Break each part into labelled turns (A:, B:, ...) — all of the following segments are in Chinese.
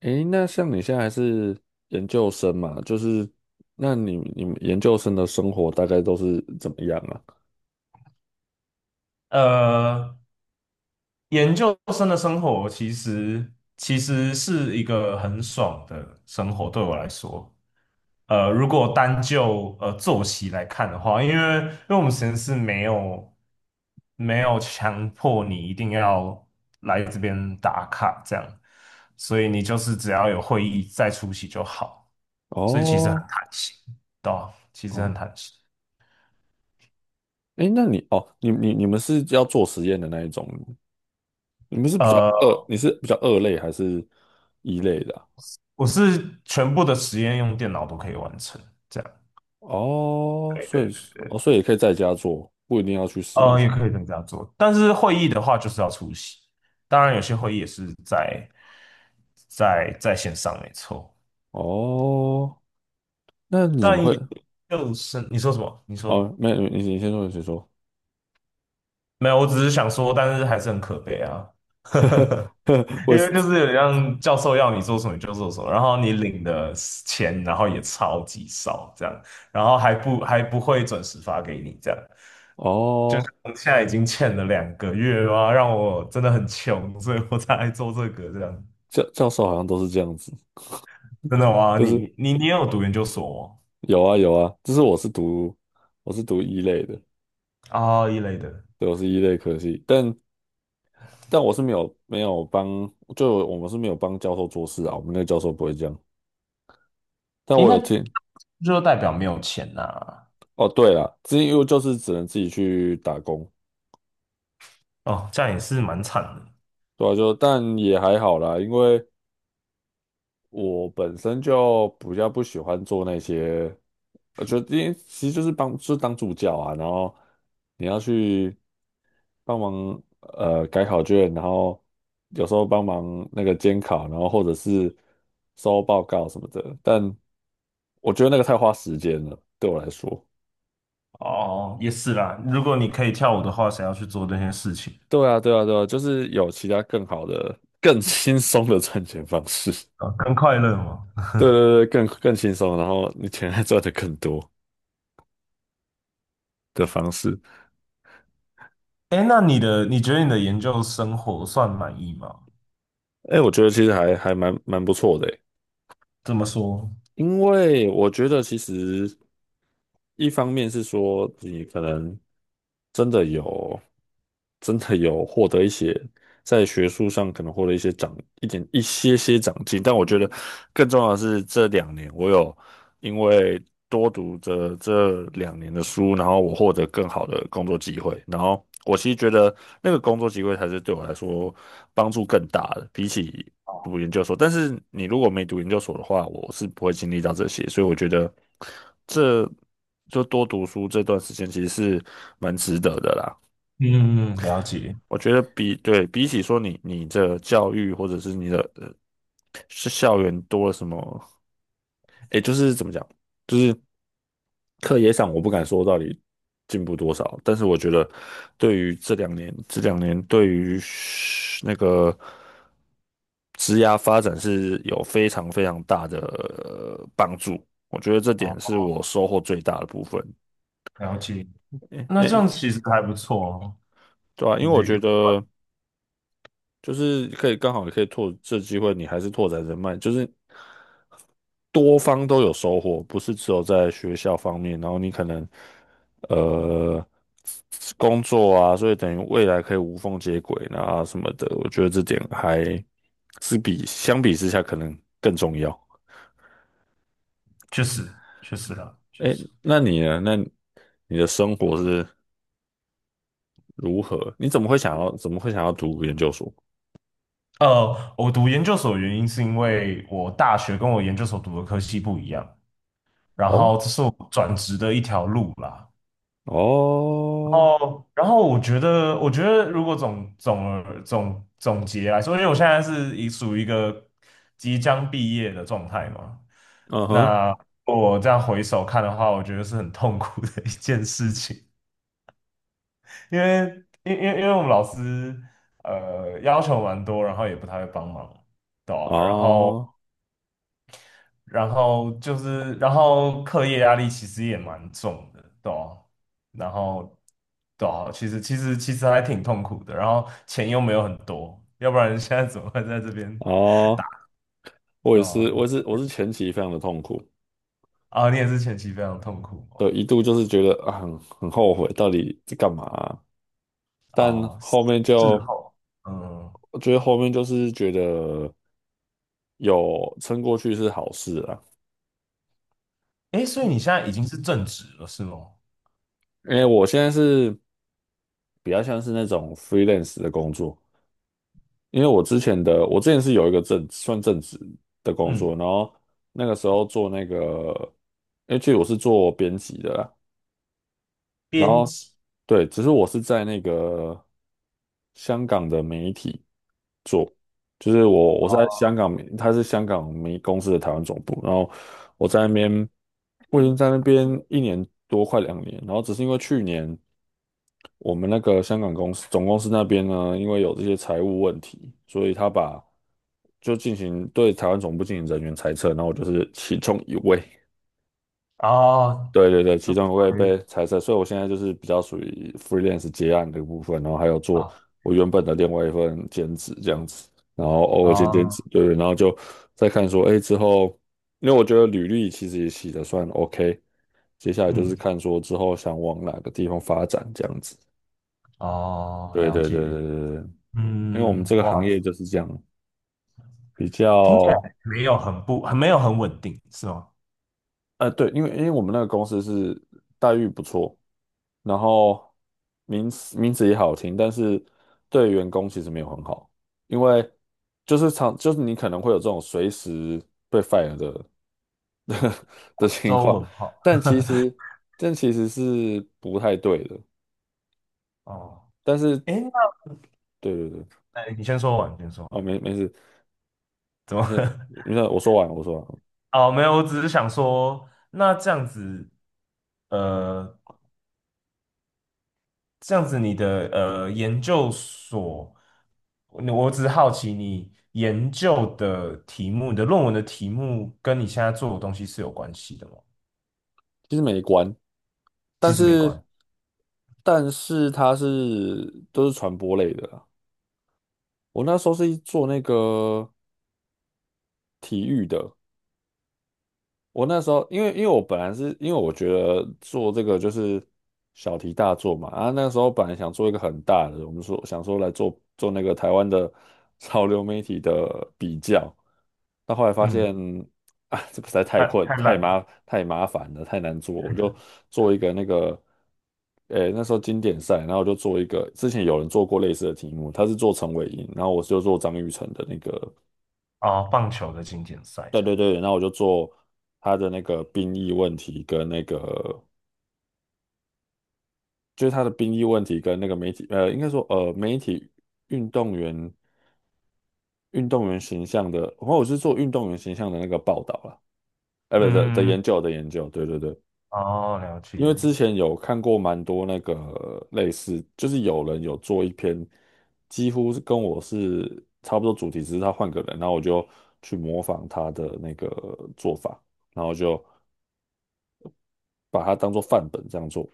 A: 诶，那像你现在还是研究生嘛，就是那你们研究生的生活大概都是怎么样啊？
B: 呃，研究生的生活其实是一个很爽的生活，对我来说。如果单就作息来看的话，因为我们实验室没有强迫你一定要来这边打卡这样，所以你就是只要有会议再出席就好，所以其实很
A: 哦
B: 弹性，对啊，其实很
A: 哦，
B: 弹性。
A: 诶，那你哦，你你你们是要做实验的那一种，你们是比较
B: 呃，
A: 二，你是比较二类还是一类的啊？
B: 我是全部的实验用电脑都可以完成。这样。
A: 哦，所以是哦，所以也可以在家做，不一定要去实验室。
B: 也可以这样做，但是会议的话就是要出席。当然，有些会议也是在线上，没错。
A: 哦，那你怎么
B: 但
A: 会？
B: 也就是你说什么？你说
A: 哦，没有你先说，你先说。
B: 没有？我只是想说，但是还是很可悲啊。
A: 我
B: 因
A: 也
B: 为就
A: 是
B: 是有点像教授要你做什么你就做什么，然后你领的钱，然后也超级少，这样，然后还不会准时发给你，这样。就是
A: 哦，
B: 我现在已经欠了2个月啊，让我真的很穷，所以我才来做这个这样。
A: 教授好像都是这样子。
B: 真的吗？
A: 就是
B: 你有读研究所吗？
A: 有啊有啊，就是我是读一类的，
B: 啊一类的，
A: 对，我是一类科系，但我是没有帮，就我们是没有帮教授做事啊，我们那个教授不会这样。但
B: 诶，
A: 我
B: 那
A: 有听，
B: 就代表没有钱呐、
A: 哦对了，之前因为就是只能自己去打工，
B: 哦，这样也是蛮惨的。
A: 对啊，就但也还好啦，因为我本身就比较不喜欢做那些，我觉得因为其实就是就是当助教啊，然后你要去。帮忙改考卷，然后有时候帮忙那个监考，然后或者是收报告什么的。但我觉得那个太花时间了，对我来说。
B: 哦，也是啦。如果你可以跳舞的话，想要去做这些事情
A: 对啊，对啊，对啊，就是有其他更好的、更轻松的赚钱方式。
B: 啊？更快乐嘛。
A: 对对对，更轻松，然后你钱还赚的更多的方式。
B: 哎，那你的，你觉得你的研究生活算满意吗？
A: 哎，我觉得其实还蛮不错的诶，
B: 这么说，
A: 因为我觉得其实一方面是说你可能真的有真的有获得一些在学术上可能获得一些长一点一些些长进，但我觉得更重要的是这两年我有因为多读着这两年的书，然后我获得更好的工作机会，然后我其实觉得那个工作机会才是对我来说帮助更大的，比起读研究所，但是你如果没读研究所的话，我是不会经历到这些，所以我觉得这就多读书这段时间其实是蛮值得的啦。
B: 嗯，嗯了解，
A: 我觉得比起说你的教育或者是你的是校园多了什么，诶，就是怎么讲，就是课业上我不敢说到底进步多少，但是我觉得对于这两年对于那个职涯发展是有非常非常大的帮助，我觉得这点
B: 好，
A: 是我收获最大的部分。
B: 了解。
A: 诶
B: 那这
A: 诶，
B: 样其实还不错哦，
A: 对啊，因为
B: 就
A: 我
B: 是
A: 觉
B: 有，
A: 得。就是可以刚好也可以拓这机会，你还是拓展人脉，就是多方都有收获，不是只有在学校方面，然后你可能呃工作啊，所以等于未来可以无缝接轨啊什么的，我觉得这点还是相比之下可能更重要。
B: 确实，确实啦，确
A: 哎，
B: 实。
A: 那你呢？那你的生活是如何？你怎么会想要读研究所？
B: 我读研究所的原因是因为我大学跟我研究所读的科系不一样，然
A: 哦
B: 后这是我转职的一条路啦。
A: 哦，
B: 哦，然后我觉得，我觉得如果总总而总总结来说，因为我现在是已属于一个即将毕业的状态嘛，
A: 嗯哼，
B: 那我这样回首看的话，我觉得是很痛苦的一件事情，因为因为我们老师要求蛮多，然后也不太会帮忙。对啊
A: 啊。
B: 然后就是，然后课业压力其实也蛮重的，对啊然后，对啊，其实还挺痛苦的，然后钱又没有很多，要不然现在怎么会在这边？
A: 哦，我
B: 对
A: 也
B: 啊，
A: 是，我也是，我是前期非常的痛苦，
B: 啊，你也是前期非常痛苦
A: 对，
B: 哦，
A: 一度就是觉得啊很后悔，到底在干嘛啊但
B: 哦，
A: 后面
B: 事
A: 就，
B: 后，嗯，
A: 我觉得后面就是觉得有撑过去是好事啊，
B: 诶，所以你现在已经是正职了，是吗？
A: 因为我现在是比较像是那种 freelance 的工作，因为我之前是有一个正职的工
B: 嗯，
A: 作，然后那个时候做那个，因为其实我是做编辑的啦。然
B: 编
A: 后
B: 辑，
A: 对，只是我是在那个香港的媒体，就是我是在
B: 哦，
A: 香港媒，他是香港媒公司的台湾总部，然后我在那边，我已经在那边1年多，快两年，然后只是因为去年我们那个香港公司总公司那边呢，因为有这些财务问题，所以就进行对台湾总部进行人员裁撤，然后我就是其中一位，
B: 哦，
A: 对对对，
B: 就
A: 其中一会
B: 可以，
A: 被裁撤，所以我现在就是比较属于 freelance 接案的部分，然后还有做
B: 啊，
A: 我原本的另外一份兼职这样子，然后偶尔兼兼
B: 哦，
A: 职，对对，然后就再看说，哎，之后，因为我觉得履历其实也写的算 OK，接下来就是
B: 嗯，
A: 看说之后想往哪个地方发展这样子，
B: 哦，
A: 对
B: 了
A: 对对对
B: 解，
A: 对对，因为我们
B: 嗯，
A: 这个行
B: 哇。
A: 业就是这样，比
B: 听起来
A: 较，
B: 没有很稳定，是吗？
A: 对，因为我们那个公司是待遇不错。然后名字也好听，但是对员工其实没有很好，因为就是常就是你可能会有这种随时被 fire 的 的情
B: 周
A: 况，
B: 文浩，
A: 但其实这其实是不太对的，
B: 哦，
A: 但是
B: 诶，那
A: 对对对，
B: 哎，你先说完，你先说
A: 哦
B: 完。
A: 没事，你先我说完，
B: 哦，没有，我只是想说，那这样子，呃，这样子你的研究所，我只是好奇，你研究的题目，你的论文的题目跟你现在做的东西是有关系的吗？
A: 其实没关，但
B: 其实没
A: 是
B: 关，
A: 都是传播类的啦。我那时候是做那个体育的。我那时候，因为我本来是因为我觉得做这个就是小题大做嘛，啊，那时候本来想做一个很大的，我们说想说来做做那个台湾的 潮流媒体的比较，但后来发
B: 嗯，
A: 现啊，这个实在
B: 太烂了。
A: 太麻烦了，太难做，我就做一个那个，诶，那时候经典赛，然后我就做一个，之前有人做过类似的题目，他是做陈伟霆，然后我就做张育成的那个。
B: 哦，棒球的经典赛
A: 对
B: 这样，
A: 对对，那我就做他的那个兵役问题跟那个，就是他的兵役问题跟那个媒体，应该说媒体运动员运动员形象的，然后我是做运动员形象的那个报道啦，不的
B: 嗯，
A: 研究的研究，对对对，
B: 哦，了
A: 因为
B: 解。
A: 之前有看过蛮多那个类似，就是有人有做一篇，几乎是跟我是差不多主题，只是他换个人，然后我就去模仿他的那个做法。然后就把它当做范本这样做。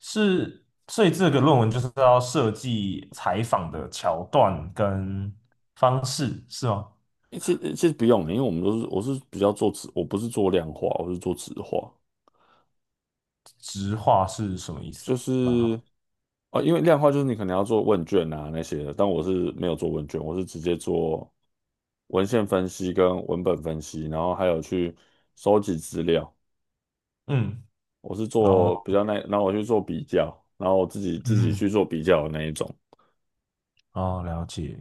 B: 是，所以这个论文就是要设计采访的桥段跟方式，是吗？
A: 诶其实不用欸，因为我是比较做质，我不是做量化，我是做质化，
B: 直话是什么意思
A: 就
B: 啊？蛮
A: 是
B: 好，
A: 哦，因为量化就是你可能要做问卷啊那些的，但我是没有做问卷，我是直接做文献分析跟文本分析，然后还有去收集资料，
B: 嗯，
A: 我是
B: 然后
A: 做比较那，然后我去做比较，然后我自己
B: 嗯，
A: 去做比较的那一种，
B: 哦，了解，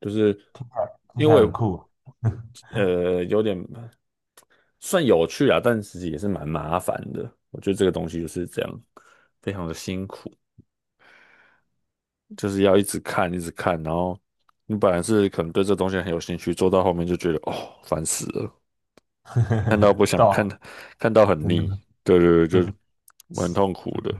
A: 就是
B: 听起来
A: 因为
B: 很酷
A: 我
B: 啊，
A: 有点。算有趣啊，但其实也是蛮麻烦的。我觉得这个东西就是这样，非常的辛苦，就是要一直看，一直看，然后你本来是可能对这东西很有兴趣，做到后面就觉得哦，烦死了，看到不 想
B: 对啊
A: 看，看到很
B: 真
A: 腻，
B: 的
A: 对对
B: 真
A: 对，就
B: 的，
A: 蛮痛苦的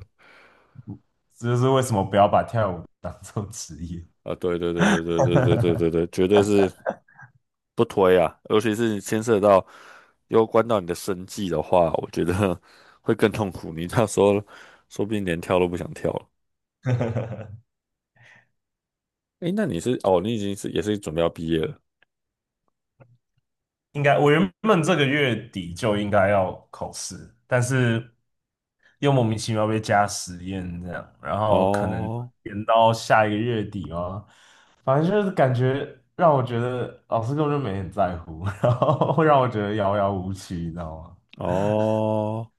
B: 这就是为什么不要把跳舞当做职业。
A: 啊，对对对对对对对对对 对，绝对是不推啊，尤其是牵涉到攸关到你的生计的话，我觉得 会更痛苦，你到时候说不定连跳都不想跳了。哎，那你是哦，你已经是也是准备要毕业了？
B: 应该我原本这个月底就应该要考试，但是又莫名其妙被加实验这样，然后可能
A: 哦
B: 延到下一个月底哦。反正就是感觉让我觉得老师根本就没很在乎，然后会让我觉得遥遥无期，你知道吗？
A: 哦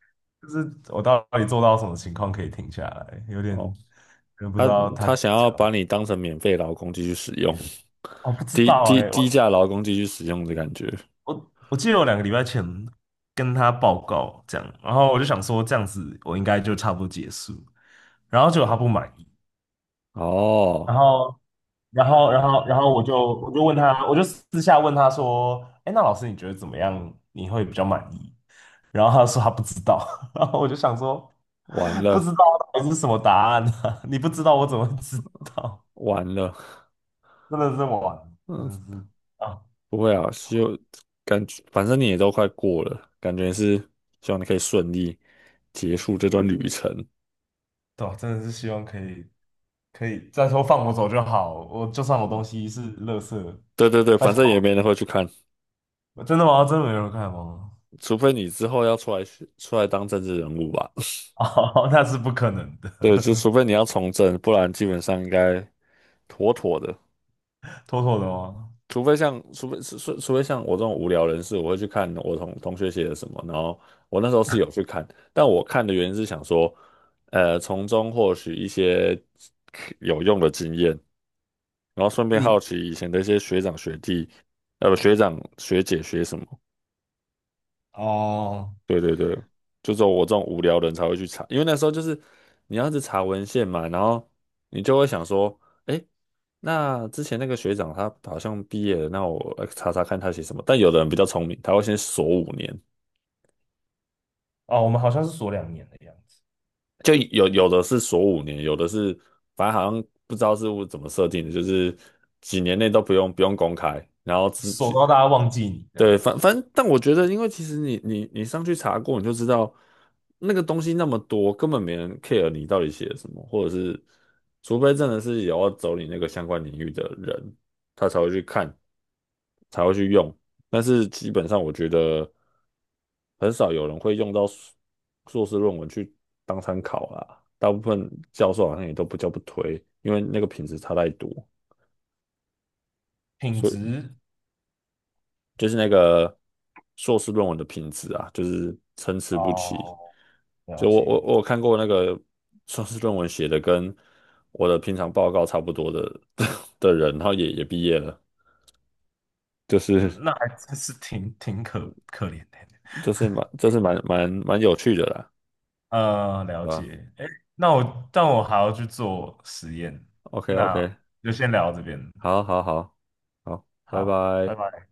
B: 就是我到底做到什么情况可以停下来，有点
A: 哦，
B: 不知
A: 他
B: 道他
A: 他
B: 到
A: 想
B: 底
A: 要
B: 想要。
A: 把你当成免费劳工继续使用，
B: 我不 知道哎、
A: 低价劳工继续使用的感觉
B: 我记得我2个礼拜前跟他报告这样，然后我就想说这样子我应该就差不多结束，然后结果他不满意，
A: 哦，
B: 然后我就问他，我就私下问他说，哎，那老师你觉得怎么样？你会比较满意？然后他说他不知道，然后我就想说
A: 完
B: 不知
A: 了
B: 道到底是什么答案呢？你不知道我怎么会知道？
A: 完了，
B: 真的是完，真
A: 嗯，
B: 的是啊，
A: 不会啊，希望感觉反正你也都快过了，感觉是希望你可以顺利结束这段旅程。
B: 对啊真的是希望可以，再说放我走就好，我就算我东西是垃圾，
A: 对对对，
B: 拜
A: 反正也
B: 托，
A: 没人会去看，
B: 真的吗？真的没人看吗？
A: 除非你之后要出来当政治人物吧。
B: 哦，那是不可能的，
A: 对，就除非你要从政，不然基本上应该妥妥的。
B: 妥妥的吗？
A: 除非像，除非像我这种无聊人士，我会去看我同学写的什么，然后我那时候是有去看，但我看的原因是想说，从中获取一些有用的经验，然后顺便
B: 你
A: 好奇以前的一些学长学弟，不，学长学姐学什么。
B: 哦
A: 对对对，就只有我这种无聊的人才会去查，因为那时候就是你要是查文献嘛，然后你就会想说，哎，那之前那个学长他好像毕业了，那我来查查看他写什么。但有的人比较聪明，他会先锁五年，
B: 哦，我们好像是锁2年的样子，
A: 就有的是锁五年，有的是反正好像不知道是怎么设定的，就是几年内都不用公开，然后自
B: 锁
A: 己
B: 到大家忘记你这样，
A: 对，反正，但我觉得，因为其实你上去查过，你就知道那个东西那么多，根本没人 care 你到底写了什么，或者是，除非真的是有要走你那个相关领域的人，他才会去看，才会去用。但是基本上，我觉得很少有人会用到硕士论文去当参考啦。大部分教授好像也都不叫不推，因为那个品质差太多。
B: 品
A: 所以。
B: 质
A: 就是那个硕士论文的品质啊，就是参差不齐。
B: 哦，了
A: 就
B: 解，
A: 我有看过那个硕士论文写的跟我的平常报告差不多的 的人，然后也毕业了，就
B: 嗯
A: 是
B: 那还真是挺可怜的，
A: 蛮蛮有趣的啦，
B: 了
A: 啊
B: 解，哎，但我还要去做实验，
A: ，OK OK，
B: 那就先聊到这边，
A: 好好好好，拜
B: 好，拜
A: 拜。
B: 拜。